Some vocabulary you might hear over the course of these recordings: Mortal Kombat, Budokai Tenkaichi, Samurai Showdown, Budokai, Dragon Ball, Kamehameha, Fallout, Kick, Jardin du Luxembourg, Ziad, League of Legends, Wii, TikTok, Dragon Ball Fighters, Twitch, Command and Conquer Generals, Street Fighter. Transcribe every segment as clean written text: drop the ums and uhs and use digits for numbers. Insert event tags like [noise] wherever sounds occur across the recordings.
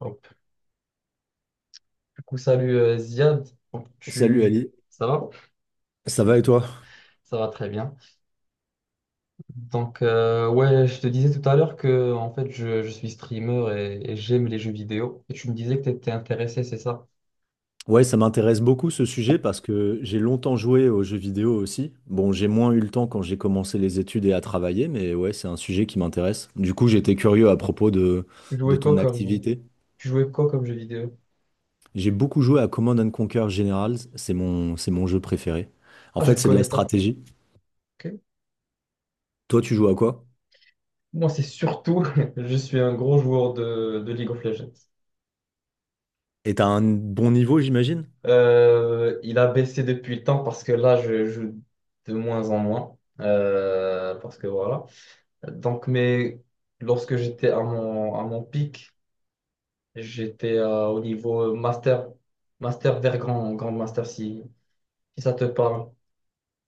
Hop. Du coup, salut Ziad. Donc, Salut tu... Ali, Ça va? ça va et toi? Ça va très bien. Donc, ouais, je te disais tout à l'heure que en fait, je suis streamer et j'aime les jeux vidéo. Et tu me disais que tu étais intéressé, c'est ça? Ouais, ça m'intéresse beaucoup ce sujet parce que j'ai longtemps joué aux jeux vidéo aussi. Bon, j'ai moins eu le temps quand j'ai commencé les études et à travailler, mais ouais, c'est un sujet qui m'intéresse. Du coup, j'étais curieux à propos de, Tu de jouais quoi ton comme, activité. tu jouais quoi comme jeu vidéo? J'ai beaucoup joué à Command and Conquer Generals, c'est mon jeu préféré. En Ah, je ne fait, c'est de la connais pas. stratégie. Ok. Toi, tu joues à quoi? Moi, c'est surtout, [laughs] je suis un gros joueur de League of Legends. Et t'as un bon niveau, j'imagine? Il a baissé depuis le temps parce que là, je joue de moins en moins. Parce que voilà. Donc, mais lorsque j'étais à mon, pic, j'étais au niveau master, vers grand master, si ça te parle.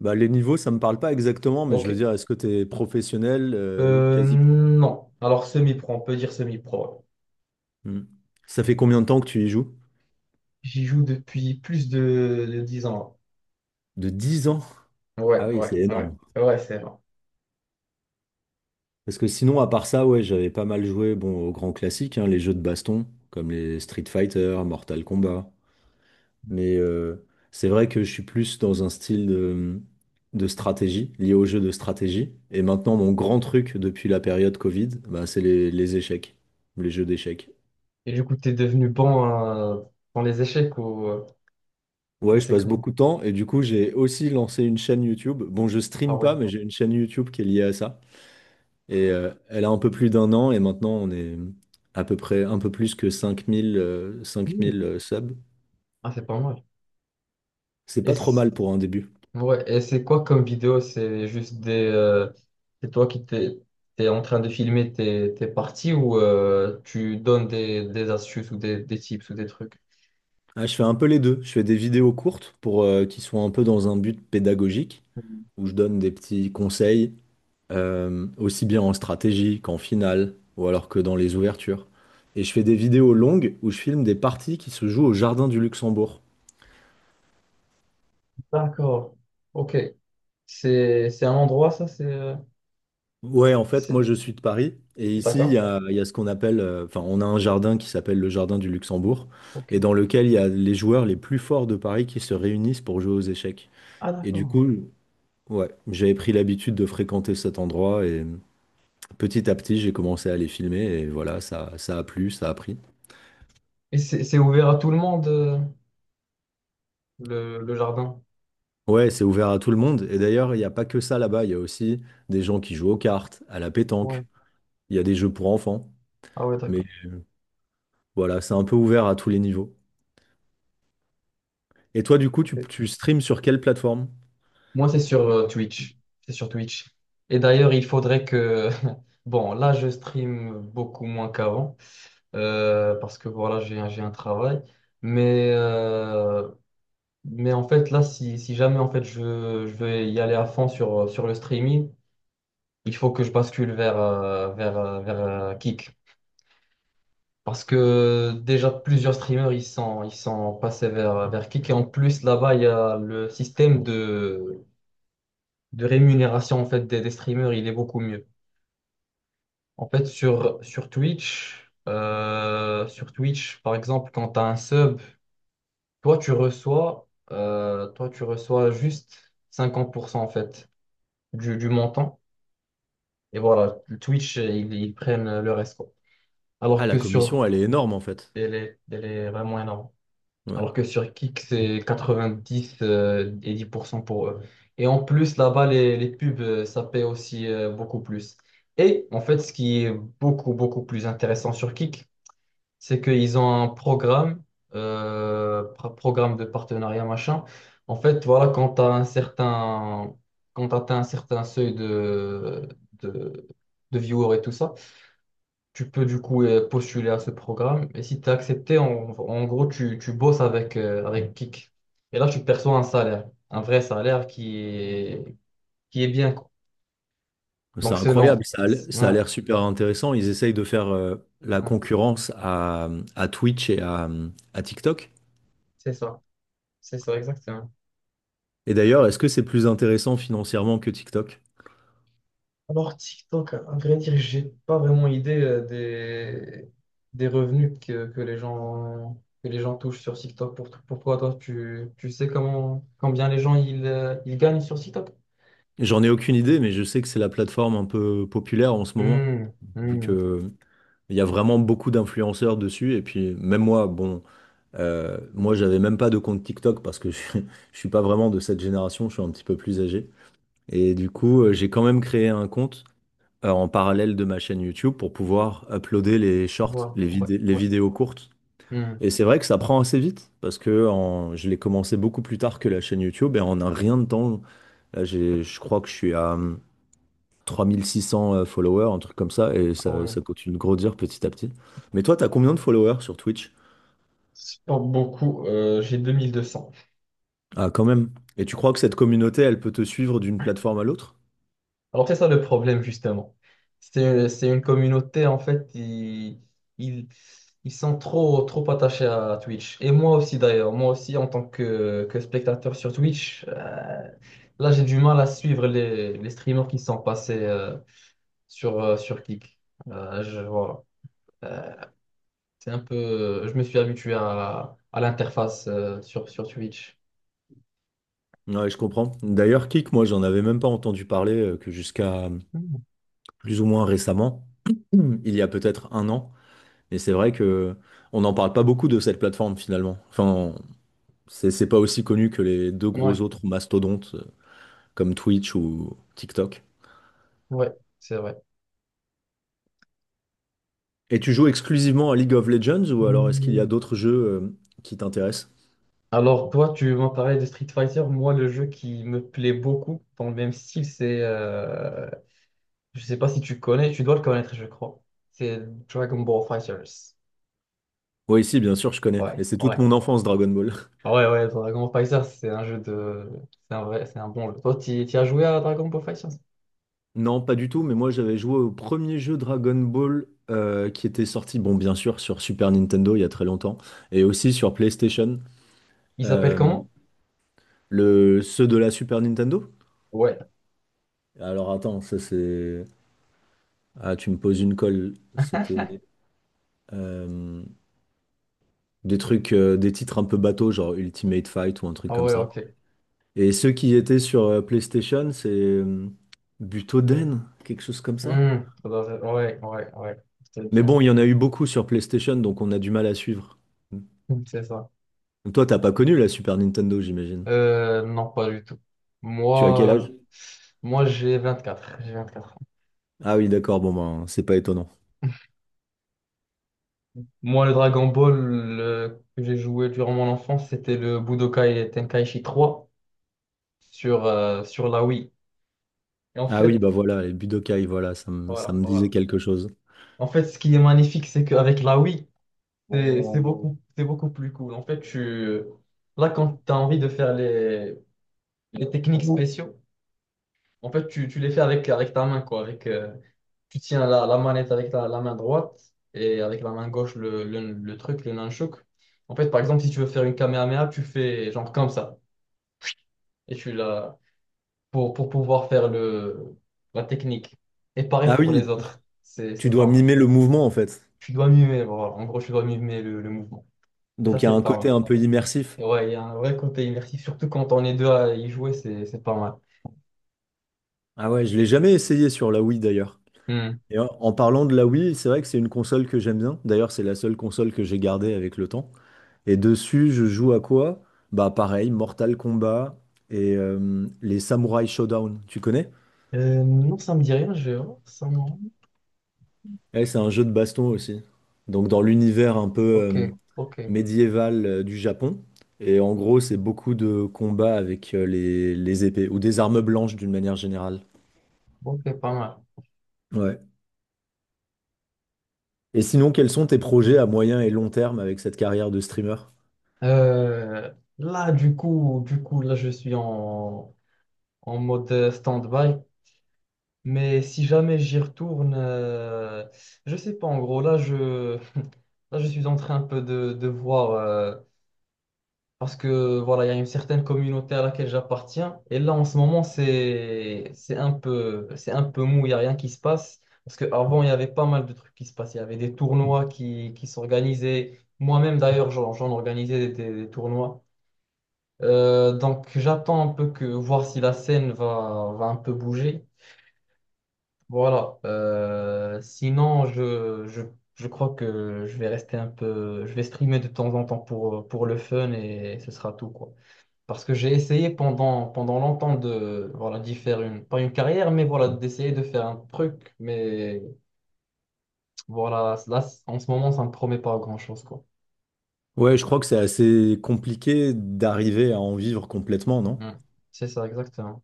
Bah, les niveaux, ça me parle pas exactement, mais je veux Ok. dire, est-ce que t'es professionnel, Euh, quasi pro? non. Alors, semi-pro, on peut dire semi-pro, ouais. Hmm. Ça fait combien de temps que tu y joues? J'y joue depuis plus de 10 ans. De 10 ans? Ouais, Ah oui, ouais, c'est ouais. énorme. Ouais, c'est vrai. Parce que sinon, à part ça, ouais, j'avais pas mal joué bon, aux grands classiques, hein, les jeux de baston, comme les Street Fighter, Mortal Kombat. Mais c'est vrai que je suis plus dans un style de stratégie, lié aux jeux de stratégie. Et maintenant, mon grand truc depuis la période Covid, bah, c'est les échecs, les jeux d'échecs. Et du coup, t'es devenu bon euh, dans les échecs ou Ouais, je c'est passe comment? beaucoup de temps et du coup, j'ai aussi lancé une chaîne YouTube. Bon, je Ah stream pas, ouais. mais j'ai une chaîne YouTube qui est liée à ça. Et elle a un peu plus d'un an et maintenant on est à peu près un peu plus que Ouh. 5000 subs. Ah, c'est pas mal. C'est Et pas trop c- mal pour un début. Ouais, et c'est quoi comme vidéo? C'est juste des, c'est toi qui t'es en train de filmer tes parties ou tu donnes des astuces ou des tips ou des trucs? Ah, je fais un peu les deux. Je fais des vidéos courtes pour qui sont un peu dans un but pédagogique où je donne des petits conseils aussi bien en stratégie qu'en finale ou alors que dans les ouvertures. Et je fais des vidéos longues où je filme des parties qui se jouent au Jardin du Luxembourg. D'accord. Ok. C'est un endroit, ça? C'est, Ouais, en fait, moi c'est- je suis de Paris et ici il y D'accord. a, il y a ce qu'on appelle, enfin, on a un jardin qui s'appelle le jardin du Luxembourg Ok. et dans lequel il y a les joueurs les plus forts de Paris qui se réunissent pour jouer aux échecs. Ah, Et du d'accord. coup, ouais, j'avais pris l'habitude de fréquenter cet endroit et petit à petit j'ai commencé à les filmer et voilà, ça a plu, ça a pris. Et c'est ouvert à tout le monde, le jardin? Ouais, c'est ouvert à tout le monde et d'ailleurs, il n'y a pas que ça là-bas, il y a aussi des gens qui jouent aux cartes, à la Ouais. pétanque, il y a des jeux pour enfants, Ah, ouais, mais d'accord. voilà, c'est un peu ouvert à tous les niveaux. Et toi, du coup, Ok. tu streams sur quelle plateforme? Moi, c'est sur Twitch. C'est sur Twitch. Et d'ailleurs, il faudrait que. [laughs] Bon, là, je stream beaucoup moins qu'avant, parce que voilà, j'ai un travail. Mais, euh, mais en fait, là, si jamais en fait, je vais y aller à fond sur le streaming, il faut que je bascule vers Kick. Parce que déjà, plusieurs streamers, ils sont passés vers Kick. Et en plus, là-bas, il y a le système de rémunération en fait, des streamers, il est beaucoup mieux. En fait, sur Twitch, par exemple, quand tu as un sub, toi, tu reçois juste 50% en fait du montant. Et voilà, Twitch, ils prennent le reste, quoi. Ah, Alors la que sur, commission, elle est énorme en fait. elle est vraiment énorme. Ouais. Alors que sur Kick, c'est 90 et 10% pour cent pour eux. Et en plus, là-bas, les pubs, ça paie aussi beaucoup plus. Et en fait, ce qui est beaucoup, beaucoup plus intéressant sur Kick, c'est qu'ils ont un programme de partenariat, machin. En fait, voilà, quand t'atteins un certain seuil de, de viewers et tout ça, tu peux du coup postuler à ce programme. Et si tu es accepté, en gros, tu bosses avec Kik. Et là, tu perçois un salaire, un vrai salaire qui est bien, quoi. C'est Donc, incroyable, selon. Ça a Ouais, l'air super intéressant. Ils essayent de faire la ouais, concurrence à Twitch et à TikTok. c'est ça. C'est ça, exactement. Et d'ailleurs, est-ce que c'est plus intéressant financièrement que TikTok? Alors, TikTok, à vrai dire, j'ai pas vraiment idée des revenus que les gens touchent sur TikTok. Pourquoi toi, tu sais combien les gens ils gagnent sur TikTok? J'en ai aucune idée, mais je sais que c'est la plateforme un peu populaire en ce moment, Hmm, vu hmm. que il y a vraiment beaucoup d'influenceurs dessus. Et puis même moi, bon, moi j'avais même pas de compte TikTok parce que [laughs] je suis pas vraiment de cette génération, je suis un petit peu plus âgé. Et du coup, j'ai quand même créé un compte en parallèle de ma chaîne YouTube pour pouvoir uploader les shorts, Ouais, les ouais, vidé- les ouais. vidéos courtes. Hmm. Et c'est vrai que ça prend assez vite parce que je l'ai commencé beaucoup plus tard que la chaîne YouTube et en un rien de temps, là, je crois que je suis à 3600 followers, un truc comme ça, et Ah ça, ouais. ça continue de grandir petit à petit. Mais toi, t'as combien de followers sur Twitch? C'est pas beaucoup. J'ai 2 200. Ah, quand même. Et tu crois que cette communauté, elle peut te suivre d'une plateforme à l'autre? Alors c'est ça le problème justement. C'est une communauté en fait, ils, ils sont trop, trop attachés à Twitch. Et moi aussi d'ailleurs, moi aussi en tant que spectateur sur Twitch, là j'ai du mal à suivre les streamers qui sont passés sur Kick. Voilà. Euh, c'est un peu, je me suis habitué à l'interface sur Twitch. Ouais, je comprends. D'ailleurs, Kik, moi, j'en avais même pas entendu parler que jusqu'à Mm. plus ou moins récemment, mhm, il y a peut-être un an. Mais c'est vrai que on n'en parle pas beaucoup de cette plateforme finalement. Enfin, c'est pas aussi connu que les deux Ouais, gros autres mastodontes comme Twitch ou TikTok. ouais, c'est vrai. Et tu joues exclusivement à League of Legends ou alors est-ce qu'il y a d'autres jeux qui t'intéressent? Alors toi, tu m'as parlé de Street Fighter. Moi, le jeu qui me plaît beaucoup dans le même style, c'est. Je sais pas si tu connais, tu dois le connaître, je crois. C'est Dragon Ball Fighters. Oui, si, bien sûr, je connais. Ouais, Et c'est toute ouais. mon enfance, Dragon Ball. [laughs] Ouais, ouais, Dragon Ball Fighters, c'est un jeu de. C'est un vrai, c'est un bon jeu. Toi, tu as joué à Dragon Ball Fighters? Non, pas du tout, mais moi j'avais joué au premier jeu Dragon Ball qui était sorti, bon, bien sûr, sur Super Nintendo il y a très longtemps, et aussi sur PlayStation. Il s'appelle Euh, comment? ceux de la Super Nintendo? Ouais. Alors attends, ça c'est. Ah, tu me poses une colle. C'était euh, des trucs, des titres un peu bateaux, genre Ultimate Fight ou un truc Ah comme ouais, ça. ok. Et ceux qui étaient sur PlayStation, c'est Butoden, quelque chose comme ça. Hmm, ouais, ouais, ouais. C'est Mais bien. bon, il y en a eu beaucoup sur PlayStation, donc on a du mal à suivre. [laughs] C'est ça. Donc toi, t'as pas connu la Super Nintendo, j'imagine. Non, pas du tout. Tu as Moi, quel âge? euh, moi j'ai 24. J'ai 24. Ah oui, d'accord, bon ben, c'est pas étonnant. Moi, le Dragon Ball que j'ai joué durant mon enfance, c'était le Budokai Tenkaichi 3 sur la Wii. Et en Ah oui, fait, bah voilà, les Budokai, voilà, ça me, ça voilà, me disait voilà. quelque chose. En fait, ce qui est magnifique, c'est qu'avec la Wii, c'est Oh, c'est beaucoup plus cool. En fait, tu, là, quand tu as envie de faire les techniques spéciaux, en fait, tu les fais avec ta main, quoi. Tu tiens la manette avec la main droite et avec la main gauche, le truc, le nunchuk. En fait, par exemple, si tu veux faire une Kamehameha, tu fais genre comme ça. Et tu l'as pour pouvoir faire la technique. Et pareil Ah pour les oui, autres, c'est, tu c'est dois pas mal. mimer le mouvement en fait. Tu dois mimer, voilà. En gros, tu dois mimer le mouvement. Et ça, Donc il y a c'est un pas mal. côté un peu immersif. Et ouais, il y a un vrai côté immersif, surtout quand on est deux à y jouer, c'est pas mal. Ah ouais, je l'ai jamais essayé sur la Wii d'ailleurs. Hmm. Et en parlant de la Wii, c'est vrai que c'est une console que j'aime bien. D'ailleurs, c'est la seule console que j'ai gardée avec le temps. Et dessus, je joue à quoi? Bah pareil, Mortal Kombat et les Samurai Showdown. Tu connais? Non, ça me dit rien, je vais voir. Ça me. Ouais, c'est un jeu de baston aussi. Donc dans l'univers un peu Ok, ok, médiéval du Japon. Et en gros, c'est beaucoup de combats avec les épées ou des armes blanches d'une manière générale. ok, pas mal. Ouais. Et sinon, quels sont tes projets à moyen et long terme avec cette carrière de streamer? Là, du coup, là, je suis en mode stand-by. Mais si jamais j'y retourne, je sais pas, en gros, là, [laughs] là, je suis en train un peu de voir, parce que voilà, il y a une certaine communauté à laquelle j'appartiens, et là, en ce moment, c'est un peu mou, il n'y a rien qui se passe, parce qu'avant, il y avait pas mal de trucs qui se passaient, il y avait des tournois qui s'organisaient, moi-même, d'ailleurs, j'en organisais des tournois. Donc j'attends un peu voir si la scène va un peu bouger. Voilà. Sinon, je crois que je vais rester un peu. Je vais streamer de temps en temps pour le fun et ce sera tout, quoi. Parce que j'ai essayé pendant longtemps de, voilà, d'y faire pas une carrière, mais voilà, d'essayer de faire un truc. Mais voilà, là, en ce moment, ça ne me promet pas grand-chose, quoi. Ouais, je crois que c'est assez compliqué d'arriver à en vivre complètement, non? Mm. C'est ça, exactement.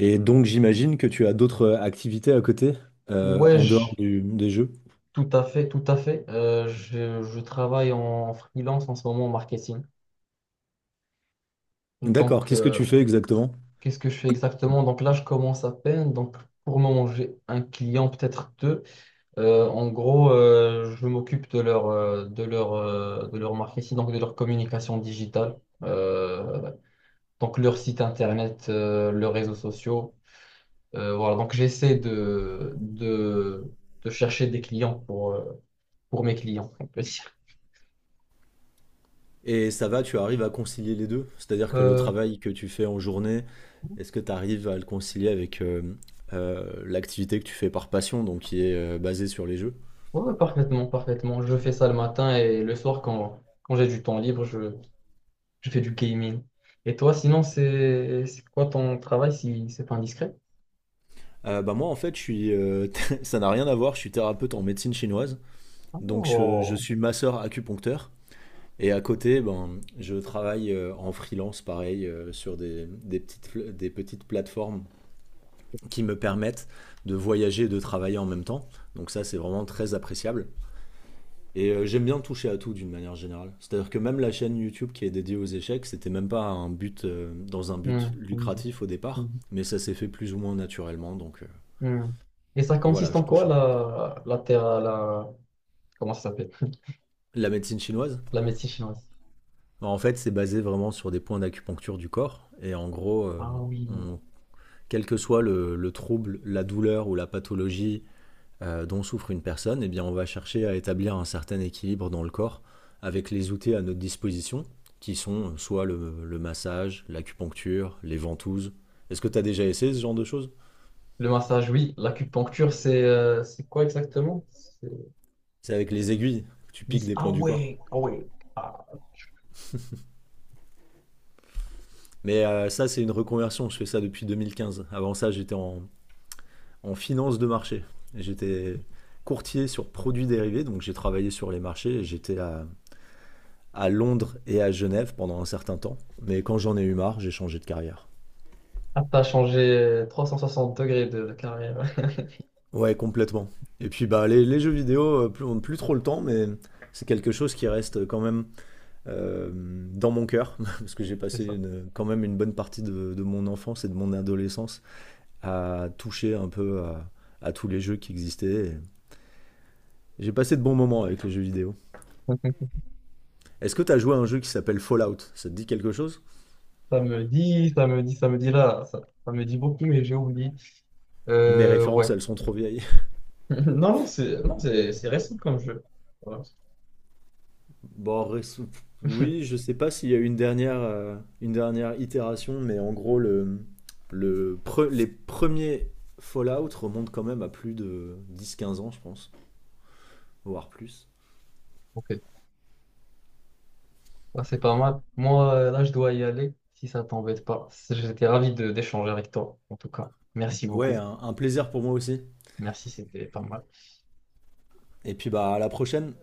Et donc, j'imagine que tu as d'autres activités à côté, Ouais, en dehors des jeux. tout à fait, tout à fait. Je travaille en freelance en ce moment en marketing. D'accord, Donc, qu'est-ce que euh, tu fais exactement? Qu'est-ce que je fais exactement? Donc là, je commence à peine. Donc pour le moment, j'ai un client, peut-être deux. En gros, je m'occupe de leur marketing, donc de leur communication digitale. Euh, donc leur site internet, leurs réseaux sociaux. Voilà, donc j'essaie de chercher des clients pour mes clients, on peut dire. Et ça va, tu arrives à concilier les deux? C'est-à-dire que le Euh, travail que tu fais en journée, est-ce que tu arrives à le concilier avec l'activité que tu fais par passion, donc qui est basée sur les jeux? ouais, ouais, parfaitement, parfaitement. Je fais ça le matin et le soir quand j'ai du temps libre, je fais du gaming. Et toi, sinon, c'est quoi ton travail si c'est pas indiscret? Bah moi, en fait, je suis, [laughs] ça n'a rien à voir, je suis thérapeute en médecine chinoise. Donc je Oh. suis masseur acupuncteur. Et à côté, ben, je travaille en freelance, pareil, sur des petites plateformes qui me permettent de voyager et de travailler en même temps. Donc ça, c'est vraiment très appréciable. Et j'aime bien toucher à tout d'une manière générale. C'est-à-dire que même la chaîne YouTube qui est dédiée aux échecs, c'était même pas un but, dans un but Hmm, hmm, lucratif au départ, hmm, mais ça s'est fait plus ou moins naturellement. Donc hmm. Et ça voilà, consiste en je quoi touche un peu à tout. la comment ça s'appelle? La médecine chinoise. La médecine chinoise. Bah, en fait, c'est basé vraiment sur des points d'acupuncture du corps. Et en gros, Ah oui. on- quel que soit le trouble, la douleur ou la pathologie dont souffre une personne, eh bien, on va chercher à établir un certain équilibre dans le corps avec les outils à notre disposition, qui sont soit le massage, l'acupuncture, les ventouses. Est-ce que tu as déjà essayé ce genre de choses? Le massage, oui. L'acupuncture, c'est quoi exactement? C'est avec les aiguilles, tu piques des Ah points du corps. ouais, ah ouais. Ah, Mais ça, c'est une reconversion, je fais ça depuis 2015. Avant ça, j'étais en finance de marché. J'étais courtier sur produits dérivés, donc j'ai travaillé sur les marchés. J'étais à Londres et à Genève pendant un certain temps. Mais quand j'en ai eu marre, j'ai changé de carrière. ah, t'as changé 360 degrés de carrière. [laughs] Ouais, complètement. Et puis bah, les jeux vidéo, plus, on n'a plus trop le temps, mais c'est quelque chose qui reste quand même euh, dans mon cœur, [laughs] parce que j'ai C'est passé ça. Quand même une bonne partie de mon enfance et de mon adolescence à toucher un peu à tous les jeux qui existaient. Et j'ai passé de bons moments avec les jeux vidéo. [laughs] Est-ce que t'as joué à un jeu qui s'appelle Fallout? Ça te dit quelque chose? Ça me dit, ça me dit, ça me dit là. Ça me dit beaucoup, mais j'ai oublié. Mes références, Ouais. elles sont trop vieilles. [laughs] [laughs] Non, non, c'est non, c'est récent comme jeu. Voilà. Bon, oui, je [laughs] sais pas s'il y a eu une dernière itération, mais en gros, les premiers Fallout remontent quand même à plus de 10, 15 ans, je pense, voire plus. Ok. Ah, c'est pas mal. Moi, là, je dois y aller, si ça t'embête pas. J'étais ravi de d'échanger avec toi, en tout cas. Merci Ouais, beaucoup. un plaisir pour moi aussi. Merci, c'était pas mal. Et puis bah à la prochaine.